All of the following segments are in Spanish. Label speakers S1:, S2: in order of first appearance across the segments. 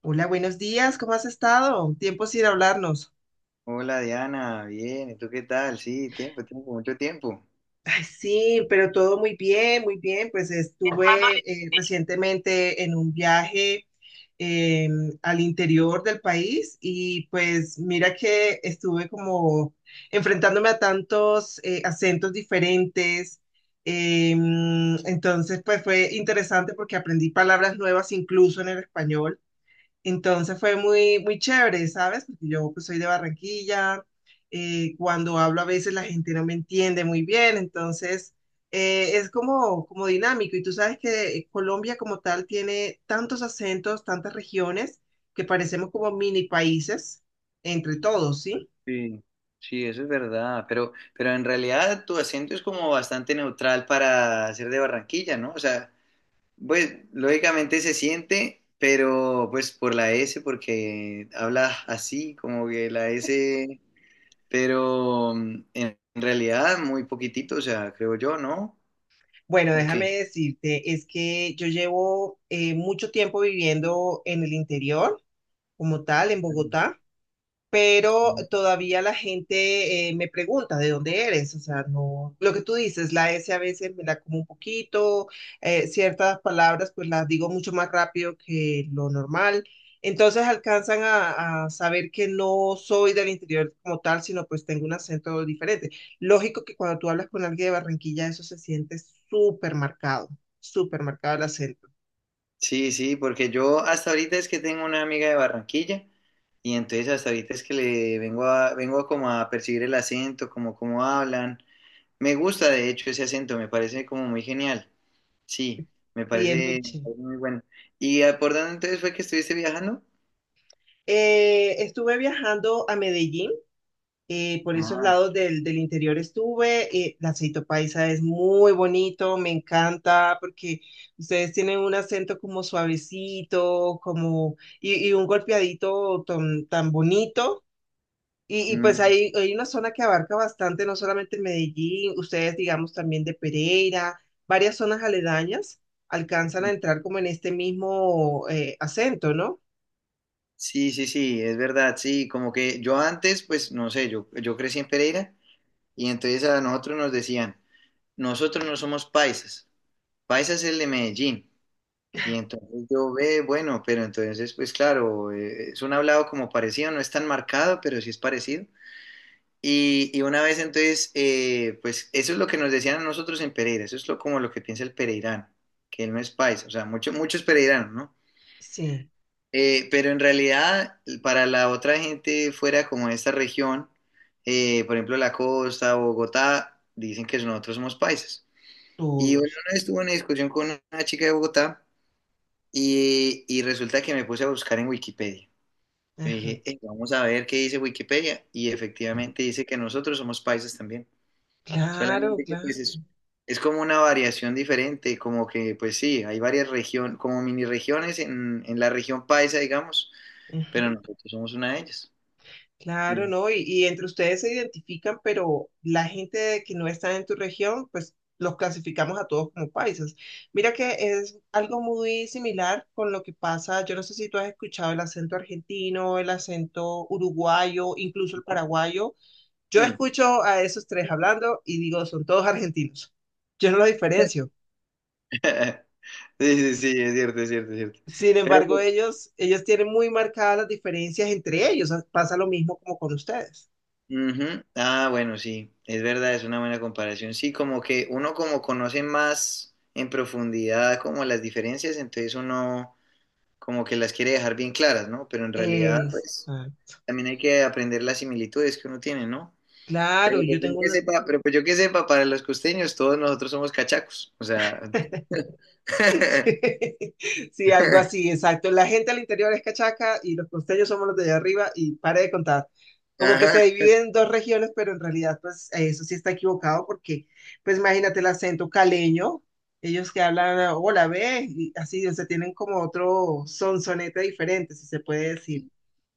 S1: Hola, buenos días, ¿cómo has estado? Tiempo sin hablarnos.
S2: Hola Diana, bien, ¿y tú qué tal? Sí, tiempo, tiempo, mucho tiempo.
S1: Ay, sí, pero todo muy bien, muy bien. Pues estuve
S2: Tomándole- sello.
S1: recientemente en un viaje eh, al interior del país y pues mira que estuve como enfrentándome a tantos acentos diferentes. Eh, entonces, pues fue interesante porque aprendí palabras nuevas incluso en el español. Entonces fue muy, muy chévere, ¿sabes? Porque yo pues, soy de Barranquilla, cuando hablo a veces la gente no me entiende muy bien, entonces es como, como dinámico. Y tú sabes que Colombia como tal tiene tantos acentos, tantas regiones, que parecemos como mini países entre todos, ¿sí?
S2: Sí. Sí, eso es verdad, pero en realidad tu acento es como bastante neutral para ser de Barranquilla, ¿no? O sea, pues lógicamente se siente, pero pues por la S, porque hablas así, como que la S, pero en realidad muy poquitito, o sea, creo yo, ¿no?
S1: Bueno,
S2: Ok.
S1: déjame decirte, es que yo llevo mucho tiempo viviendo en el interior, como tal, en Bogotá. Pero todavía la gente me pregunta de dónde eres, o sea, no, lo que tú dices, la S a veces me la como un poquito, ciertas palabras pues las digo mucho más rápido que lo normal, entonces alcanzan a saber que no soy del interior como tal, sino pues tengo un acento diferente. Lógico que cuando tú hablas con alguien de Barranquilla, eso se siente súper marcado, súper marcado el acento,
S2: Sí, sí, porque yo hasta ahorita es que tengo una amiga de Barranquilla y entonces hasta ahorita es que le vengo vengo a como a percibir el acento, como cómo hablan. Me gusta de hecho ese acento, me parece como muy genial. Sí,
S1: sí, es muy
S2: me
S1: chévere.
S2: parece muy bueno. ¿Y por dónde entonces fue que estuviste viajando?
S1: Estuve viajando a Medellín por esos
S2: Ah.
S1: lados del interior estuve. El aceito paisa es muy bonito, me encanta porque ustedes tienen un acento como suavecito, como y un golpeadito tan, tan bonito. Y pues
S2: Mm.
S1: hay una zona que abarca bastante, no solamente Medellín, ustedes digamos también de Pereira, varias zonas aledañas alcanzan a entrar como en este mismo acento, ¿no?
S2: Sí, sí, sí, es verdad, sí, como que yo antes, pues no sé, yo crecí en Pereira y entonces a nosotros nos decían, nosotros no somos paisas, paisas es el de Medellín. Y entonces yo ve, bueno, pero entonces, pues claro, es un hablado como parecido, no es tan marcado, pero sí es parecido. Y una vez entonces, pues eso es lo que nos decían a nosotros en Pereira, eso es lo, como lo que piensa el pereirano, que él no es paisa, o sea, mucho, muchos pereiranos, ¿no?
S1: Sí,
S2: Pero en realidad, para la otra gente fuera como de esta región, por ejemplo, la costa, Bogotá, dicen que nosotros somos paisas. Y bueno,
S1: todos.
S2: una vez tuve una discusión con una chica de Bogotá, y resulta que me puse a buscar en Wikipedia. Yo
S1: Ajá.
S2: dije, Vamos a ver qué dice Wikipedia". Y efectivamente dice que nosotros somos paisas también.
S1: Claro,
S2: Solamente que
S1: claro.
S2: pues es como una variación diferente, como que pues sí, hay varias regiones, como mini regiones en la región paisa, digamos,
S1: Ajá.
S2: pero nosotros somos una de ellas.
S1: Claro,
S2: Sí.
S1: ¿no? Y entre ustedes se identifican, pero la gente que no está en tu región, pues los clasificamos a todos como paisas. Mira que es algo muy similar con lo que pasa, yo no sé si tú has escuchado el acento argentino, el acento uruguayo, incluso el paraguayo. Yo
S2: Mm.
S1: escucho a esos tres hablando y digo, son todos argentinos. Yo no los diferencio.
S2: Sí, sí, sí, es cierto, es cierto, es cierto.
S1: Sin
S2: Pero
S1: embargo,
S2: pues,
S1: ellos tienen muy marcadas las diferencias entre ellos. Pasa lo mismo como con ustedes.
S2: ujú. Ah, bueno, sí, es verdad, es una buena comparación. Sí, como que uno como conoce más en profundidad como las diferencias, entonces uno como que las quiere dejar bien claras, ¿no? Pero en realidad, pues,
S1: Exacto.
S2: también hay que aprender las similitudes que uno tiene, ¿no? Pero
S1: Claro,
S2: pues
S1: yo
S2: yo
S1: tengo
S2: que
S1: una.
S2: sepa, pero pues yo que sepa, para los costeños todos nosotros somos cachacos, o sea...
S1: Sí, sí, algo así, exacto. La gente al interior es cachaca y los costeños somos los de allá arriba y pare de contar. Como que
S2: Ajá.
S1: se dividen en dos regiones, pero en realidad, pues eso sí está equivocado porque, pues imagínate el acento caleño, ellos que hablan, hola, ve, y así, o sea, tienen como otro sonsonete diferente, si se puede decir,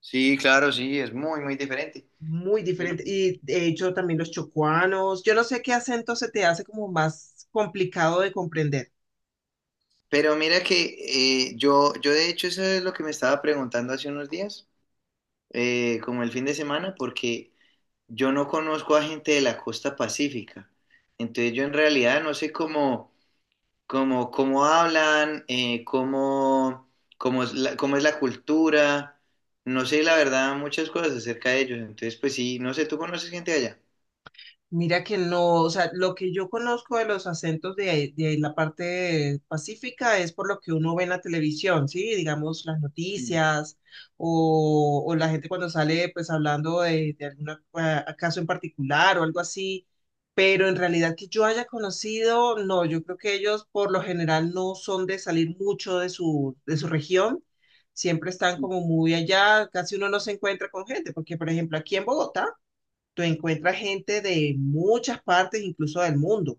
S2: Sí, claro, sí, es muy, muy diferente.
S1: muy
S2: Sí.
S1: diferente. Y de hecho también los chocuanos, yo no sé qué acento se te hace como más complicado de comprender.
S2: Pero mira que yo de hecho eso es lo que me estaba preguntando hace unos días, como el fin de semana, porque yo no conozco a gente de la costa pacífica. Entonces yo en realidad no sé cómo, cómo, cómo hablan, cómo, cómo es la cultura, no sé la verdad muchas cosas acerca de ellos. Entonces pues sí, no sé, ¿tú conoces gente de allá?
S1: Mira que no, o sea, lo que yo conozco de los acentos de, de ahí la parte pacífica es por lo que uno ve en la televisión, ¿sí? Digamos, las
S2: Mm.
S1: noticias o la gente cuando sale pues hablando de algún caso en particular o algo así, pero en realidad que yo haya conocido, no, yo creo que ellos por lo general no son de salir mucho de su región, siempre están
S2: Mm.
S1: como muy allá, casi uno no se encuentra con gente, porque por ejemplo aquí en Bogotá, tú encuentras gente de muchas partes, incluso del mundo,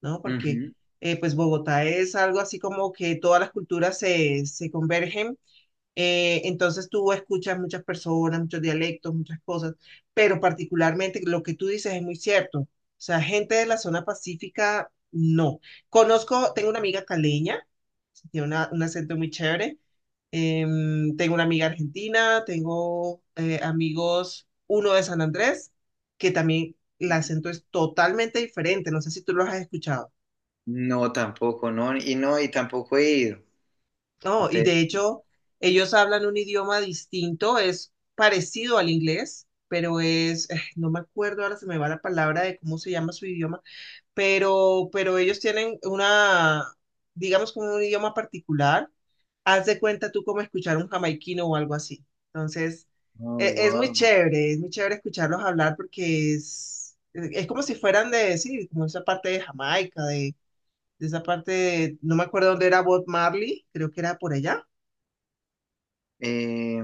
S1: ¿no? Porque
S2: Ujú.
S1: pues Bogotá es algo así como que todas las culturas se, se convergen, entonces tú escuchas muchas personas, muchos dialectos, muchas cosas, pero particularmente lo que tú dices es muy cierto, o sea, gente de la zona pacífica, no. Conozco, tengo una amiga caleña, tiene un acento muy chévere. Tengo una amiga argentina, tengo amigos, uno de San Andrés, que también el acento es totalmente diferente. No sé si tú los has escuchado.
S2: No, tampoco, no, y no, y tampoco he ido.
S1: No, y
S2: Entonces,
S1: de hecho, ellos hablan un idioma distinto, es parecido al inglés, pero es, no me acuerdo, ahora se me va la palabra de cómo se llama su idioma. Pero ellos tienen una, digamos, como un idioma particular. Haz de cuenta tú como escuchar un jamaiquino o algo así. Entonces,
S2: oh, wow.
S1: es muy chévere escucharlos hablar porque es, es como si fueran de, sí, como esa parte de Jamaica, de, no me acuerdo dónde era Bob Marley, creo que era por allá.
S2: Eh,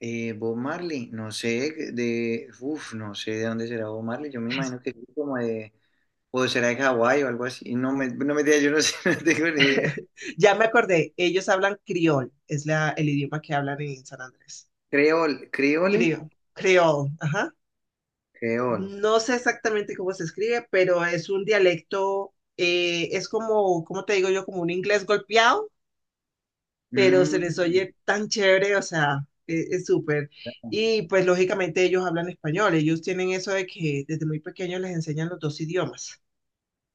S2: Bob Marley, no sé de, uf, no sé de dónde será Bob Marley, yo me imagino que es como de, o será de Hawái o algo así, no me, no me digas, yo no sé, no tengo ni idea.
S1: Ya me acordé, ellos hablan criol, es la, el idioma que hablan en San Andrés.
S2: Creol, creole,
S1: Criol, criol, ajá.
S2: creol.
S1: No sé exactamente cómo se escribe, pero es un dialecto, es como, ¿cómo te digo yo? Como un inglés golpeado, pero se les
S2: Mm,
S1: oye tan chévere, o sea, es súper.
S2: bueno,
S1: Y pues lógicamente ellos hablan español, ellos tienen eso de que desde muy pequeños les enseñan los dos idiomas.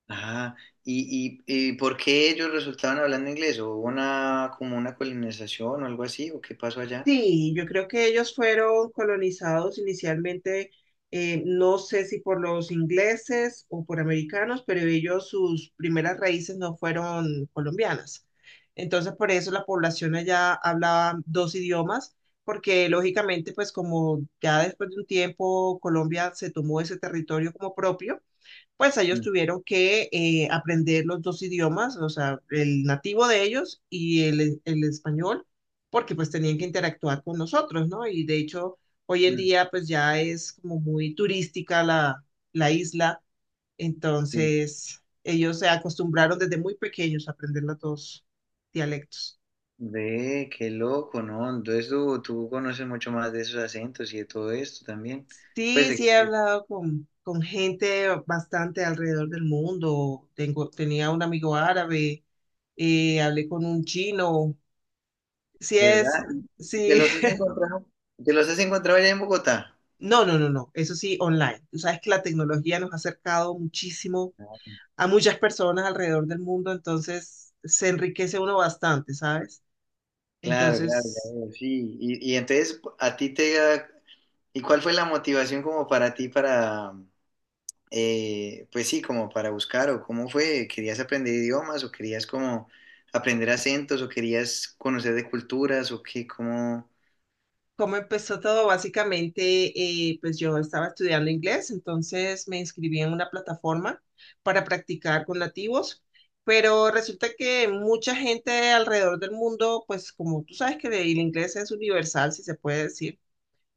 S2: ajá. ¿Y ¿por qué ellos resultaban hablando inglés? ¿O hubo una, como una colonización o algo así? ¿O qué pasó allá?
S1: Sí, yo creo que ellos fueron colonizados inicialmente, no sé si por los ingleses o por americanos, pero ellos sus primeras raíces no fueron colombianas. Entonces, por eso la población allá hablaba dos idiomas, porque lógicamente, pues como ya después de un tiempo Colombia se tomó ese territorio como propio, pues ellos
S2: Mm.
S1: tuvieron que aprender los dos idiomas, o sea, el nativo de ellos y el español, porque pues tenían que interactuar con nosotros, ¿no? Y de hecho, hoy en
S2: Mm.
S1: día pues ya es como muy turística la, la isla,
S2: Sí.
S1: entonces ellos se acostumbraron desde muy pequeños a aprender los dos dialectos.
S2: Ve, qué loco, ¿no? Entonces tú conoces mucho más de esos acentos y de todo esto también. Pues,
S1: Sí,
S2: de-
S1: sí he hablado con gente bastante alrededor del mundo. Tengo, tenía un amigo árabe, hablé con un chino, Si
S2: ¿verdad?
S1: es,
S2: ¿Te
S1: si,
S2: los has encontrado? ¿Te los has encontrado allá en Bogotá?
S1: no, no, no, no, eso sí, online. Tú sabes que la tecnología nos ha acercado muchísimo a muchas personas alrededor del mundo, entonces se enriquece uno bastante, ¿sabes?
S2: Claro, claro, ya
S1: Entonces,
S2: veo, sí. Y entonces, a ti te... ¿Y cuál fue la motivación como para ti para... pues sí, como para buscar o cómo fue? ¿Querías aprender idiomas o querías como aprender acentos o querías conocer de culturas o qué? ¿Cómo...?
S1: ¿cómo empezó todo? Básicamente, pues yo estaba estudiando inglés, entonces me inscribí en una plataforma para practicar con nativos. Pero resulta que mucha gente alrededor del mundo, pues como tú sabes que el inglés es universal, si se puede decir,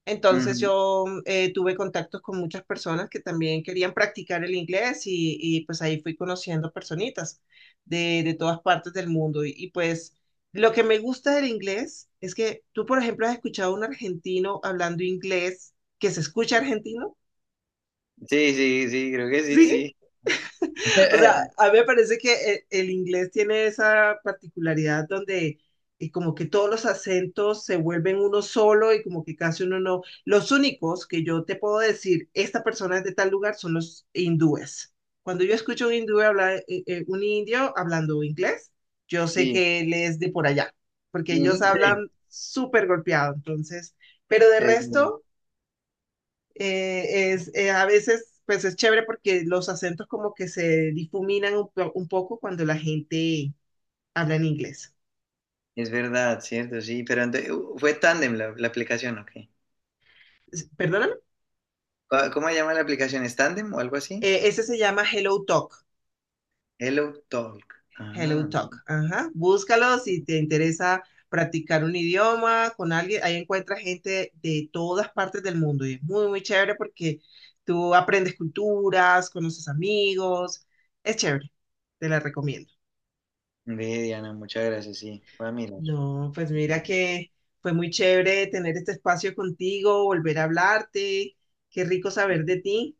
S1: entonces
S2: Ujú.
S1: yo tuve contactos con muchas personas que también querían practicar el inglés y, pues ahí fui conociendo personitas de todas partes del mundo. Y, pues lo que me gusta del inglés es que tú, por ejemplo, has escuchado a un argentino hablando inglés que se escucha argentino,
S2: Sí, sí, sí, creo que sí,
S1: ¿sí?
S2: sí.
S1: O sea, a mí me parece que el inglés tiene esa particularidad donde como que todos los acentos se vuelven uno solo y como que casi uno no. Los únicos que yo te puedo decir, esta persona es de tal lugar, son los hindúes. Cuando yo escucho un hindú hablar, un indio hablando inglés, yo sé
S2: Sí,
S1: que él es de por allá, porque
S2: ujú,
S1: ellos
S2: sí,
S1: hablan súper golpeado, entonces, pero de
S2: es,
S1: resto es, a veces, pues es chévere porque los acentos como que se difuminan un, un poco cuando la gente habla en inglés.
S2: es verdad, cierto, sí, pero ente- fue Tandem la, la aplicación, ok.
S1: Perdóname.
S2: ¿Cómo cómo se llama la aplicación? ¿Es Tandem o algo así?
S1: Ese se llama Hello Talk.
S2: Hello Talk.
S1: Hello
S2: Ah,
S1: Talk. Ajá. Búscalo si te interesa practicar un idioma con alguien. Ahí encuentras gente de todas partes del mundo y es muy, muy chévere porque tú aprendes culturas, conoces amigos. Es chévere. Te la recomiendo.
S2: ve, Diana, muchas gracias, sí, voy a mirar.
S1: No, pues mira que fue muy chévere tener este espacio contigo, volver a hablarte, qué rico saber de ti.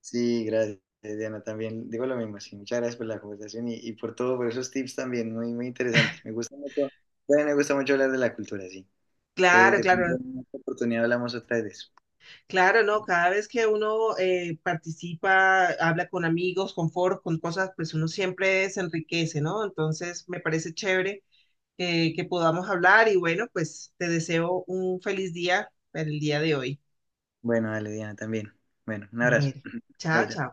S2: Sí, gracias, Diana, también digo lo mismo, sí, muchas gracias por la conversación y por todo, por esos tips también, muy, muy interesante. Me gusta mucho, también me gusta mucho hablar de la cultura, sí. Entonces,
S1: Claro,
S2: de pronto
S1: claro,
S2: en otra oportunidad hablamos otra vez de eso.
S1: claro, no, cada vez que uno participa, habla con amigos, con foros, con cosas, pues uno siempre se enriquece, ¿no? Entonces me parece chévere que podamos hablar y bueno, pues te deseo un feliz día para el día de hoy.
S2: Bueno, dale, Diana, también. Bueno, un abrazo.
S1: Bueno,
S2: Chao,
S1: chao, chao.
S2: chao.